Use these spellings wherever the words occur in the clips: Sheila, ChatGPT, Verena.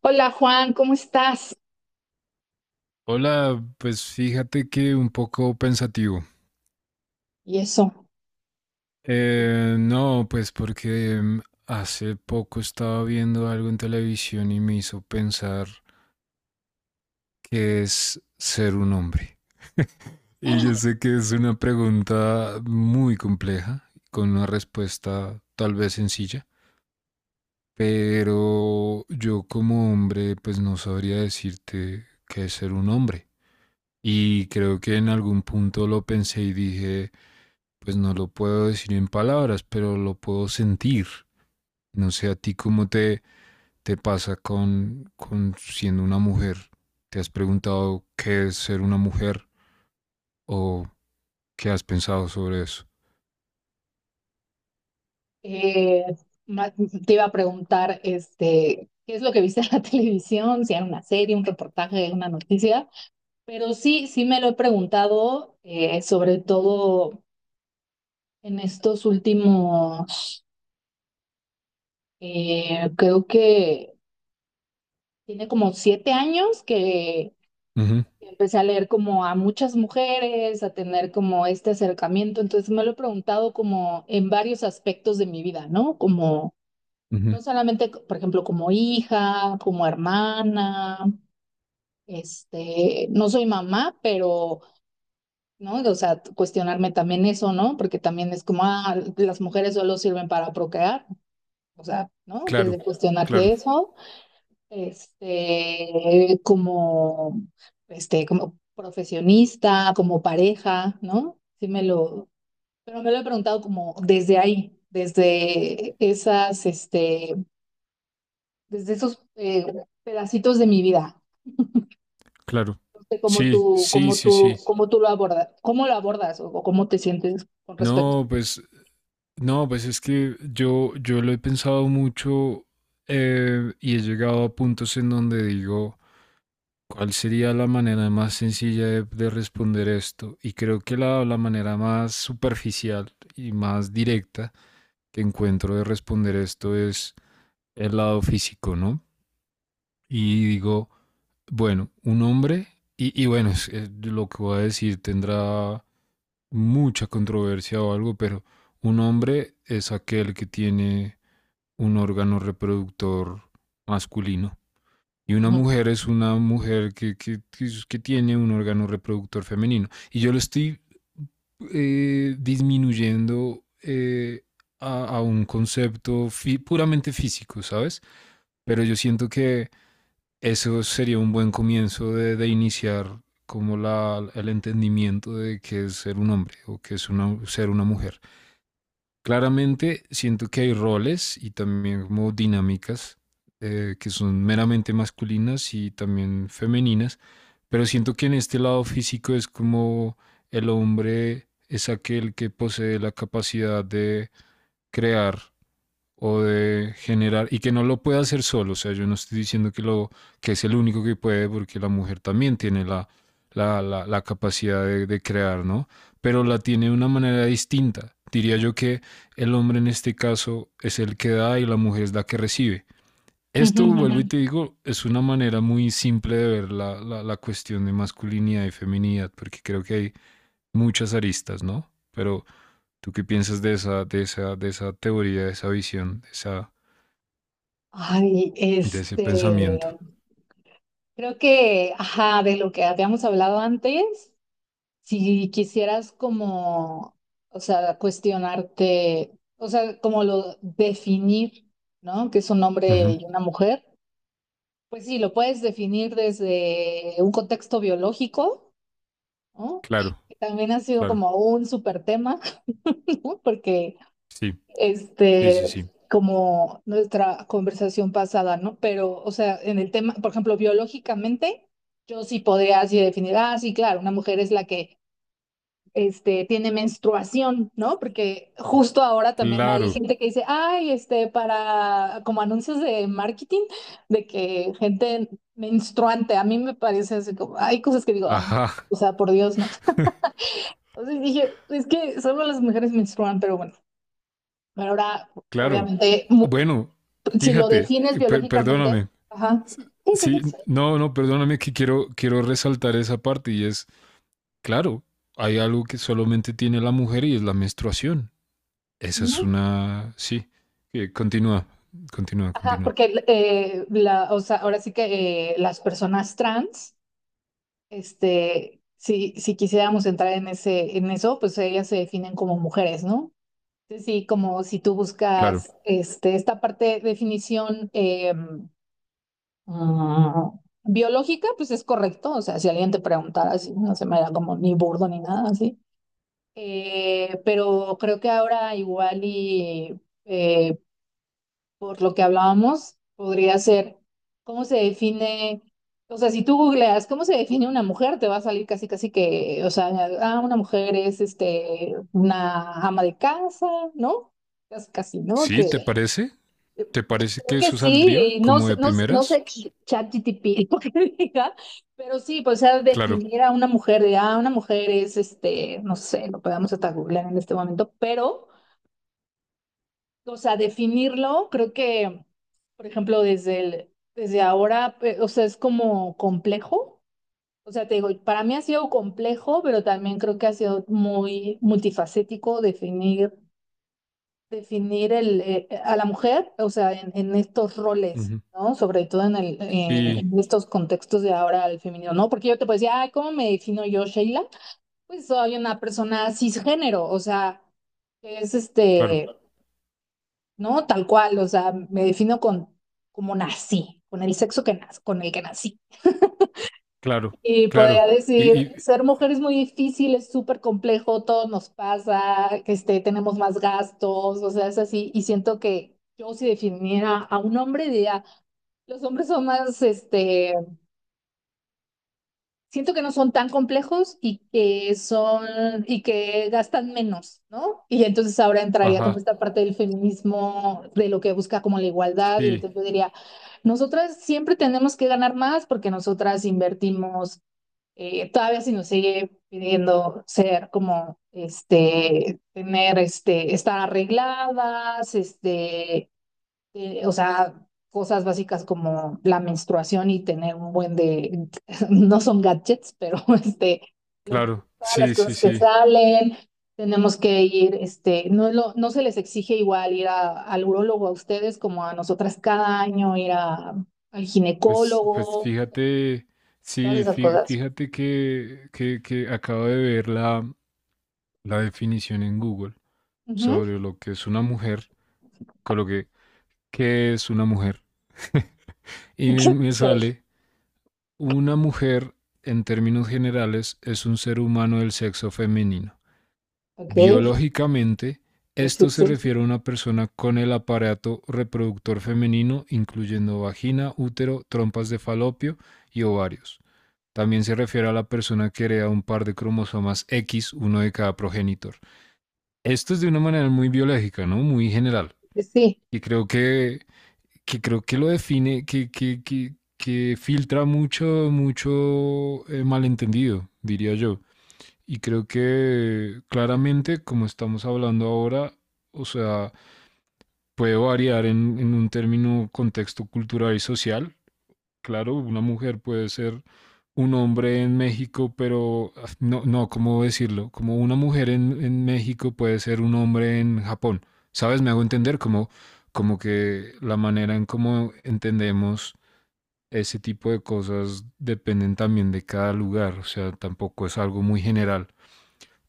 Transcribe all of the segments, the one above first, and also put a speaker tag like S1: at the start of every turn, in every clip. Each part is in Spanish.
S1: Hola Juan, ¿cómo estás?
S2: Hola, pues fíjate que un poco pensativo.
S1: Y eso,
S2: No, pues porque hace poco estaba viendo algo en televisión y me hizo pensar qué es ser un hombre. Y yo sé que es una pregunta muy compleja, con una respuesta tal vez sencilla, pero yo como hombre pues no sabría decirte qué es ser un hombre. Y creo que en algún punto lo pensé y dije, pues no lo puedo decir en palabras, pero lo puedo sentir. No sé a ti cómo te pasa con siendo una mujer. ¿Te has preguntado qué es ser una mujer o qué has pensado sobre eso?
S1: eh, te iba a preguntar, ¿qué es lo que viste en la televisión? Si era una serie, un reportaje, una noticia. Pero sí, sí me lo he preguntado, sobre todo en estos últimos, creo que tiene como 7 años que
S2: Uh -huh,
S1: empecé a leer como a muchas mujeres, a tener como este acercamiento. Entonces me lo he preguntado como en varios aspectos de mi vida, ¿no? Como
S2: uh -huh.
S1: No solamente, por ejemplo, como hija, como hermana, no soy mamá, pero, ¿no? O sea, cuestionarme también eso, ¿no? Porque también es como, ah, las mujeres solo sirven para procrear, o sea, ¿no? Desde
S2: Claro, claro,
S1: cuestionarte eso, este, como, como profesionista, como pareja, ¿no? Sí me lo, pero me lo he preguntado como desde ahí, desde esas, este desde esos pedacitos de mi vida.
S2: claro.
S1: No sé cómo
S2: Sí,
S1: tú,
S2: sí,
S1: cómo
S2: sí,
S1: tú,
S2: sí.
S1: cómo tú lo abordas, cómo lo abordas o cómo te sientes con respecto.
S2: No, pues, no, pues es que yo lo he pensado mucho y he llegado a puntos en donde digo, ¿cuál sería la manera más sencilla de responder esto? Y creo que la manera más superficial y más directa que encuentro de responder esto es el lado físico, ¿no? Y digo, bueno, un hombre, y bueno, es lo que voy a decir tendrá mucha controversia o algo, pero un hombre es aquel que tiene un órgano reproductor masculino. Y una
S1: Ujú.
S2: mujer es una mujer que tiene un órgano reproductor femenino. Y yo lo estoy disminuyendo a un concepto puramente físico, ¿sabes? Pero yo siento que eso sería un buen comienzo de iniciar como la, el entendimiento de qué es ser un hombre o qué es una, ser una mujer. Claramente siento que hay roles y también como dinámicas que son meramente masculinas y también femeninas, pero siento que en este lado físico es como el hombre es aquel que posee la capacidad de crear o de generar y que no lo pueda hacer solo, o sea, yo no estoy diciendo que lo que es el único que puede porque la mujer también tiene la capacidad de crear, ¿no? Pero la tiene de una manera distinta. Diría yo que el hombre en este caso es el que da y la mujer es la que recibe.
S1: Ujú,
S2: Esto,
S1: ujú.
S2: vuelvo y te digo, es una manera muy simple de ver la cuestión de masculinidad y feminidad, porque creo que hay muchas aristas, ¿no? Pero, ¿tú qué piensas de esa, teoría, de esa visión,
S1: Ay,
S2: de ese pensamiento?
S1: creo que, ajá, de lo que habíamos hablado antes, si quisieras como, o sea, cuestionarte, o sea, como lo definir, ¿no? Que es un hombre
S2: Ujú.
S1: y una mujer, pues sí, lo puedes definir desde un contexto biológico, ¿no?
S2: Claro,
S1: También ha sido
S2: claro.
S1: como un súper tema, ¿no? Porque,
S2: Sí, sí, sí,
S1: este,
S2: sí.
S1: como nuestra conversación pasada, ¿no? Pero, o sea, en el tema, por ejemplo, biológicamente, yo sí podría así definir, ah, sí, claro, una mujer es la que, tiene menstruación, ¿no? Porque justo ahora también hay
S2: Claro.
S1: gente que dice, ay, para, como anuncios de marketing, de que gente menstruante, a mí me parece así como, hay cosas que digo, ay,
S2: Ajá,
S1: o sea, por Dios, ¿no? O sea, dije, es que solo las mujeres menstruan, pero bueno, pero ahora,
S2: claro.
S1: obviamente,
S2: Bueno,
S1: si lo
S2: fíjate,
S1: defines biológicamente,
S2: perdóname.
S1: ajá,
S2: S-
S1: sí, sí, sí,
S2: Sí,
S1: sí,
S2: no, no, perdóname que quiero resaltar esa parte y es, claro, hay algo que solamente tiene la mujer y es la menstruación. Esa es
S1: ¿no?
S2: una... Sí, continúa, continúa,
S1: Ajá,
S2: continúa.
S1: porque la, o sea, ahora sí que las personas trans, si, si quisiéramos entrar en ese, en eso, pues ellas se definen como mujeres, ¿no? Entonces, sí, como si tú
S2: Claro.
S1: buscas esta parte de definición. Ah, Biológica, pues es correcto. O sea, si alguien te preguntara así, no se me da como ni burdo ni nada así. Pero creo que ahora igual y por lo que hablábamos, podría ser cómo se define, o sea, si tú googleas cómo se define una mujer, te va a salir casi casi que, o sea, ah, una mujer es una ama de casa, ¿no? Casi, casi, ¿no?
S2: Sí, ¿te
S1: Que
S2: parece? ¿Te parece
S1: Creo
S2: que
S1: que
S2: eso
S1: sí,
S2: saldría
S1: y no,
S2: como de
S1: no
S2: primeras?
S1: sé ChatGPT lo que diga, pero sí, pues sea,
S2: Claro.
S1: definir a una mujer, de, ah, una mujer es, no sé, lo podemos hasta googlear en este momento, pero, o sea, definirlo, creo que, por ejemplo, desde el, desde ahora, o sea, es como complejo, o sea, te digo, para mí ha sido complejo, pero también creo que ha sido muy multifacético definir definir a la mujer, o sea, en estos roles,
S2: Ujú.
S1: ¿no? Sobre todo
S2: Y,
S1: en estos contextos de ahora al femenino, ¿no? Porque yo te puedo decir, ay, ¿cómo me defino yo, Sheila? Pues soy una persona cisgénero, o sea, que es
S2: claro.
S1: ¿no? Tal cual, o sea, me defino con como nací, con el sexo que con el que nací.
S2: Claro,
S1: Y podría
S2: claro. Y,
S1: decir,
S2: y,
S1: ser mujer es muy difícil, es súper complejo, todo nos pasa, que tenemos más gastos, o sea, es así. Y siento que yo si definiera a un hombre, diría, los hombres son más, siento que no son tan complejos y que son, y que gastan menos, ¿no? Y entonces ahora entraría como
S2: ajá,
S1: esta parte del feminismo, de lo que busca como la igualdad, y
S2: sí,
S1: entonces yo diría, nosotras siempre tenemos que ganar más porque nosotras invertimos todavía se nos sigue pidiendo ser como, tener, estar arregladas, o sea, cosas básicas como la menstruación y tener un buen de, no son gadgets, pero este, lo,
S2: claro,
S1: todas las
S2: sí, sí,
S1: cosas que
S2: sí.
S1: salen, tenemos que ir, no, no se les exige igual ir al urólogo a ustedes como a nosotras cada año, ir al
S2: Pues
S1: ginecólogo,
S2: fíjate,
S1: todas
S2: sí,
S1: esas cosas.
S2: fíjate que acabo de ver la definición en Google sobre lo que es una mujer. Coloqué, ¿qué es una mujer? Y me, me
S1: ¿Qué es?
S2: sale, una mujer, en términos generales, es un ser humano del sexo femenino.
S1: Ok, sí,
S2: Biológicamente,
S1: sí,
S2: esto se
S1: sí.
S2: refiere a una persona con el aparato reproductor femenino, incluyendo vagina, útero, trompas de falopio y ovarios. También se refiere a la persona que hereda un par de cromosomas X, uno de cada progenitor. Esto es de una manera muy biológica, ¿no? Muy general.
S1: Sí. Sí.
S2: Y creo que lo define, que filtra mucho, mucho malentendido, diría yo. Y creo que claramente, como estamos hablando ahora, o sea, puede variar en un término contexto cultural y social. Claro, una mujer puede ser un hombre en México, pero no, no, ¿cómo decirlo? Como una mujer en México puede ser un hombre en Japón. ¿Sabes? Me hago entender como que la manera en cómo entendemos ese tipo de cosas dependen también de cada lugar. O sea, tampoco es algo muy general.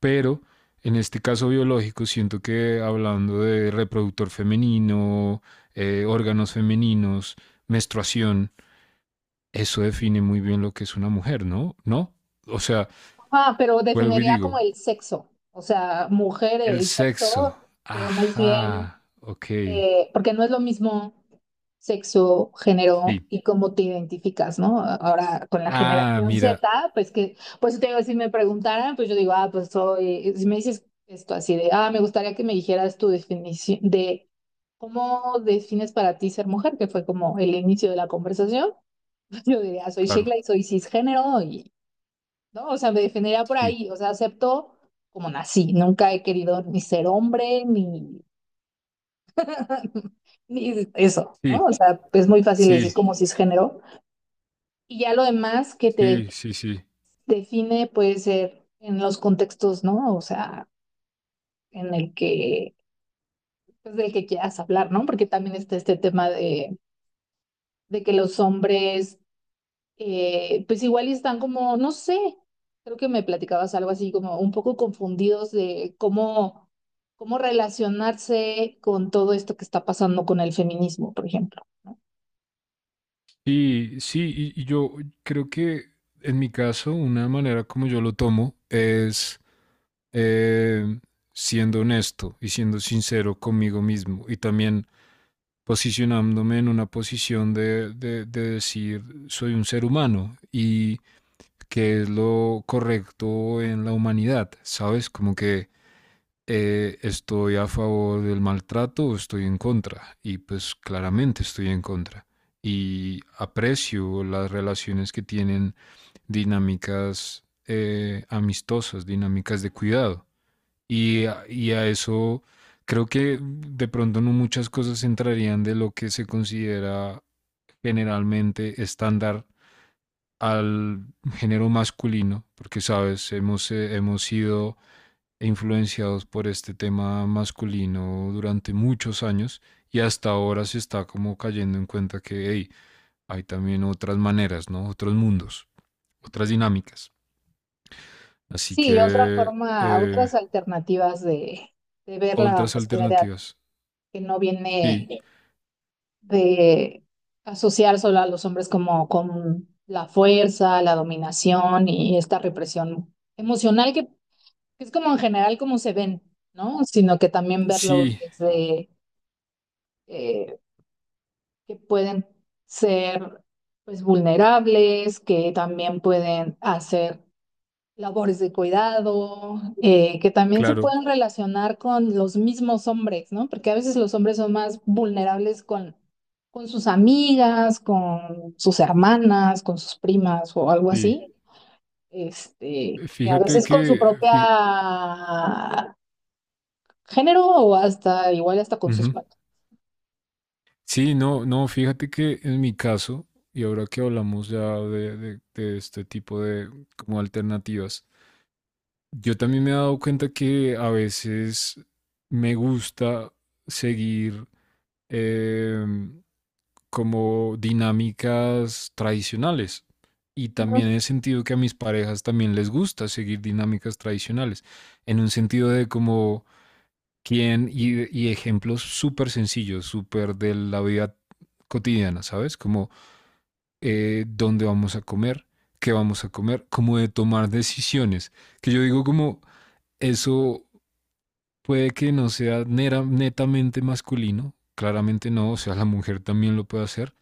S2: Pero en este caso biológico, siento que hablando de reproductor femenino, órganos femeninos, menstruación, eso define muy bien lo que es una mujer, ¿no? ¿No? O sea,
S1: Ajá, pero
S2: vuelvo y
S1: definiría como el
S2: digo,
S1: sexo, o sea, mujer,
S2: el
S1: el
S2: sexo.
S1: sexo, pero más bien,
S2: Ajá, ok,
S1: porque no es lo mismo sexo, género
S2: sí.
S1: y cómo te identificas, ¿no? Ahora con la
S2: Ah,
S1: generación
S2: mira,
S1: Z, pues que, pues te digo, si me preguntaran, pues yo digo, ah, pues soy, si me dices esto así de, ah, me gustaría que me dijeras tu definición de cómo defines para ti ser mujer, que fue como el inicio de la conversación. Yo diría, soy
S2: claro,
S1: Sheila y soy cisgénero y, ¿no? O sea, me definiría por
S2: sí,
S1: ahí, o sea, acepto como nací, nunca he querido ni ser hombre, ni, ni eso, ¿no?
S2: sí,
S1: O sea, es muy fácil decir
S2: sí,
S1: como cisgénero. Y ya lo demás que
S2: sí, sí, sí.
S1: define puede ser en los contextos, ¿no? O sea, en el que, pues del que quieras hablar, ¿no? Porque también está este tema de que los hombres pues igual y están como, no sé, creo que me platicabas algo así como un poco confundidos de cómo, cómo relacionarse con todo esto que está pasando con el feminismo, por ejemplo, ¿no?
S2: Y sí, y yo creo que en mi caso, una manera como yo lo tomo es eh, siendo honesto y siendo sincero conmigo mismo y también posicionándome en una posición de decir soy un ser humano y qué es lo correcto en la humanidad, ¿sabes? Como que estoy a favor del maltrato o estoy en contra. Y pues claramente estoy en contra. Y aprecio las relaciones que tienen dinámicas amistosas, dinámicas de cuidado. Y a eso creo que de pronto no muchas cosas entrarían de lo que se considera generalmente estándar al género masculino, porque sabes, hemos sido influenciados por este tema masculino durante muchos años y hasta ahora se está como cayendo en cuenta que hey, hay también otras maneras, ¿no? Otros mundos, otras dinámicas. Así
S1: Sí, otra
S2: que
S1: forma,
S2: eh,
S1: otras alternativas de ver la
S2: otras
S1: masculinidad
S2: alternativas.
S1: que no
S2: Sí,
S1: viene. De asociar solo a los hombres como con la fuerza, la dominación y esta represión emocional que es como en general como se ven, ¿no? Sino que también verlos
S2: sí,
S1: desde eh, que pueden ser pues vulnerables, que también pueden hacer labores de cuidado, que también se
S2: claro,
S1: pueden relacionar con los mismos hombres, ¿no? Porque a veces los hombres son más vulnerables con sus amigas, con sus hermanas, con sus primas o algo
S2: sí.
S1: así, que a
S2: Fíjate
S1: veces con su
S2: que,
S1: propia género o hasta igual hasta con sus
S2: ujú.
S1: padres.
S2: Sí, no, no, fíjate que en mi caso, y ahora que hablamos ya de este tipo de como alternativas, yo también me he dado cuenta que a veces me gusta seguir em, como dinámicas tradicionales. Y también
S1: Ujú.
S2: he sentido que a mis parejas también les gusta seguir dinámicas tradicionales, en un sentido de como ¿quién? Y ejemplos súper sencillos, súper de la vida cotidiana, ¿sabes? Como dónde vamos a comer, qué vamos a comer, como de tomar decisiones. Que yo digo como eso puede que no sea netamente masculino, claramente no, o sea, la mujer también lo puede hacer,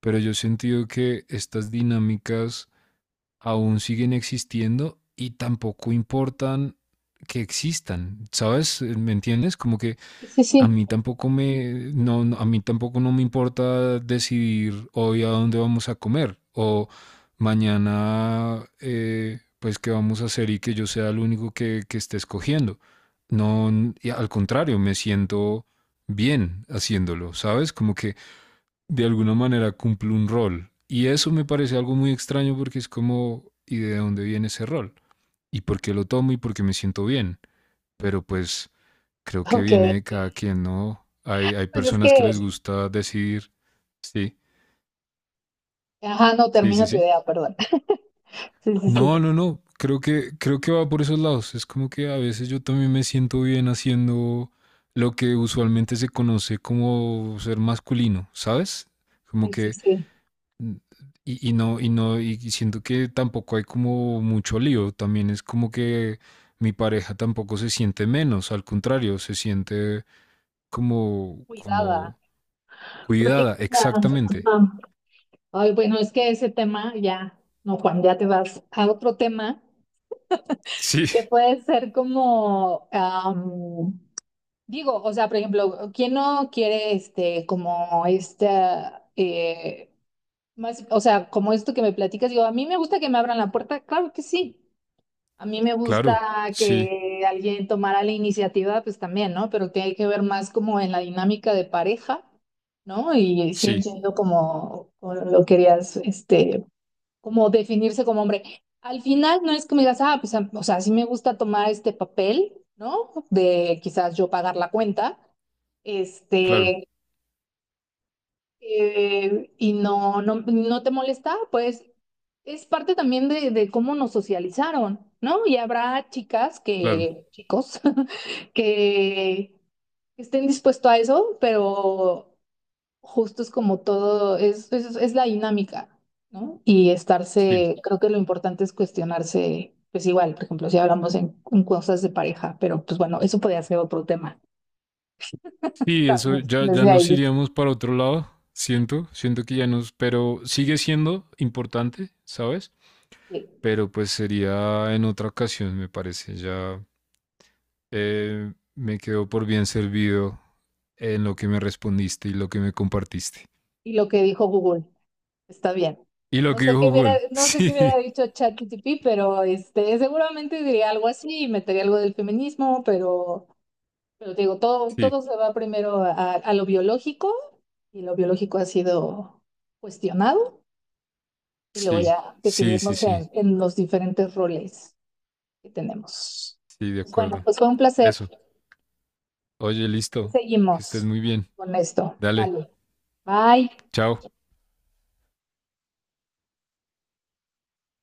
S2: pero yo he sentido que estas dinámicas aún siguen existiendo y tampoco importan que existan, ¿sabes? ¿Me entiendes? Como que
S1: Sí, sí,
S2: a
S1: sí.
S2: mí tampoco me, no, no, a mí tampoco no me importa decidir hoy a dónde vamos a comer o mañana, pues qué vamos a hacer y que yo sea el único que esté escogiendo. No, y al contrario, me siento bien haciéndolo, ¿sabes? Como que de alguna manera cumplo un rol. Y eso me parece algo muy extraño porque es como, ¿y de dónde viene ese rol? ¿Y por qué lo tomo y por qué me siento bien? Pero pues creo que
S1: Ok.
S2: viene de cada quien, ¿no? Hay
S1: Pues es
S2: personas que
S1: que,
S2: les gusta decir, sí,
S1: ajá, no
S2: sí, sí,
S1: termino tu
S2: sí.
S1: idea, perdón. Sí, sí, sí.
S2: No, no, no, creo que va por esos lados. Es como que a veces yo también me siento bien haciendo lo que usualmente se conoce como ser masculino, ¿sabes? Como
S1: Sí, sí,
S2: que
S1: sí.
S2: y siento que tampoco hay como mucho lío. También es como que mi pareja tampoco se siente menos, al contrario, se siente como,
S1: Cuidada,
S2: como, cuidada,
S1: protegida.
S2: exactamente.
S1: Ajá. Ay, bueno, es que ese tema ya, no, Juan, ya te vas a otro tema
S2: Sí,
S1: que puede ser como, digo, o sea, por ejemplo, ¿quién no quiere como esta, más, o sea, como esto que me platicas? Digo, a mí me gusta que me abran la puerta, claro que sí. A mí me
S2: claro,
S1: gusta
S2: sí,
S1: que alguien tomara la iniciativa, pues también, ¿no? Pero tiene que ver más como en la dinámica de pareja, ¿no? Y sí
S2: sí,
S1: entiendo como, como lo querías, como definirse como hombre. Al final no es que me digas, ah, pues, o sea, sí me gusta tomar este papel, ¿no? De quizás yo pagar la cuenta,
S2: claro,
S1: este, y no, no, no te molesta, pues es parte también de cómo nos socializaron, ¿no? Y habrá chicas
S2: claro,
S1: que, chicos, que estén dispuestos a eso, pero justo es como todo, es la dinámica, ¿no? Y
S2: sí.
S1: estarse, creo que lo importante es cuestionarse, pues igual, por ejemplo, si hablamos en cosas de pareja, pero pues bueno, eso podría ser otro tema
S2: Sí, eso
S1: también,
S2: ya
S1: desde
S2: nos
S1: ahí.
S2: iríamos para otro lado, siento que ya nos, pero sigue siendo importante, ¿sabes?
S1: Sí.
S2: Pero pues sería en otra ocasión, me parece, ya me quedo por bien servido en lo que me respondiste y lo que me compartiste.
S1: Y lo que dijo Google, está bien.
S2: Y lo
S1: No
S2: que
S1: sé
S2: dijo
S1: qué hubiera,
S2: Google,
S1: no sé qué hubiera
S2: sí,
S1: dicho ChatGPT, pero seguramente diría algo así, y metería algo del feminismo, pero, te digo, todo, todo
S2: sí,
S1: se va primero a lo biológico, y lo biológico ha sido cuestionado y luego
S2: sí,
S1: ya
S2: sí, sí,
S1: definirnos
S2: sí,
S1: en los diferentes roles que tenemos.
S2: sí, de
S1: Pues bueno,
S2: acuerdo.
S1: pues fue un placer.
S2: Eso. Oye, listo. Que estés
S1: Seguimos
S2: muy bien.
S1: con esto.
S2: Dale,
S1: Vale. Bye.
S2: chao.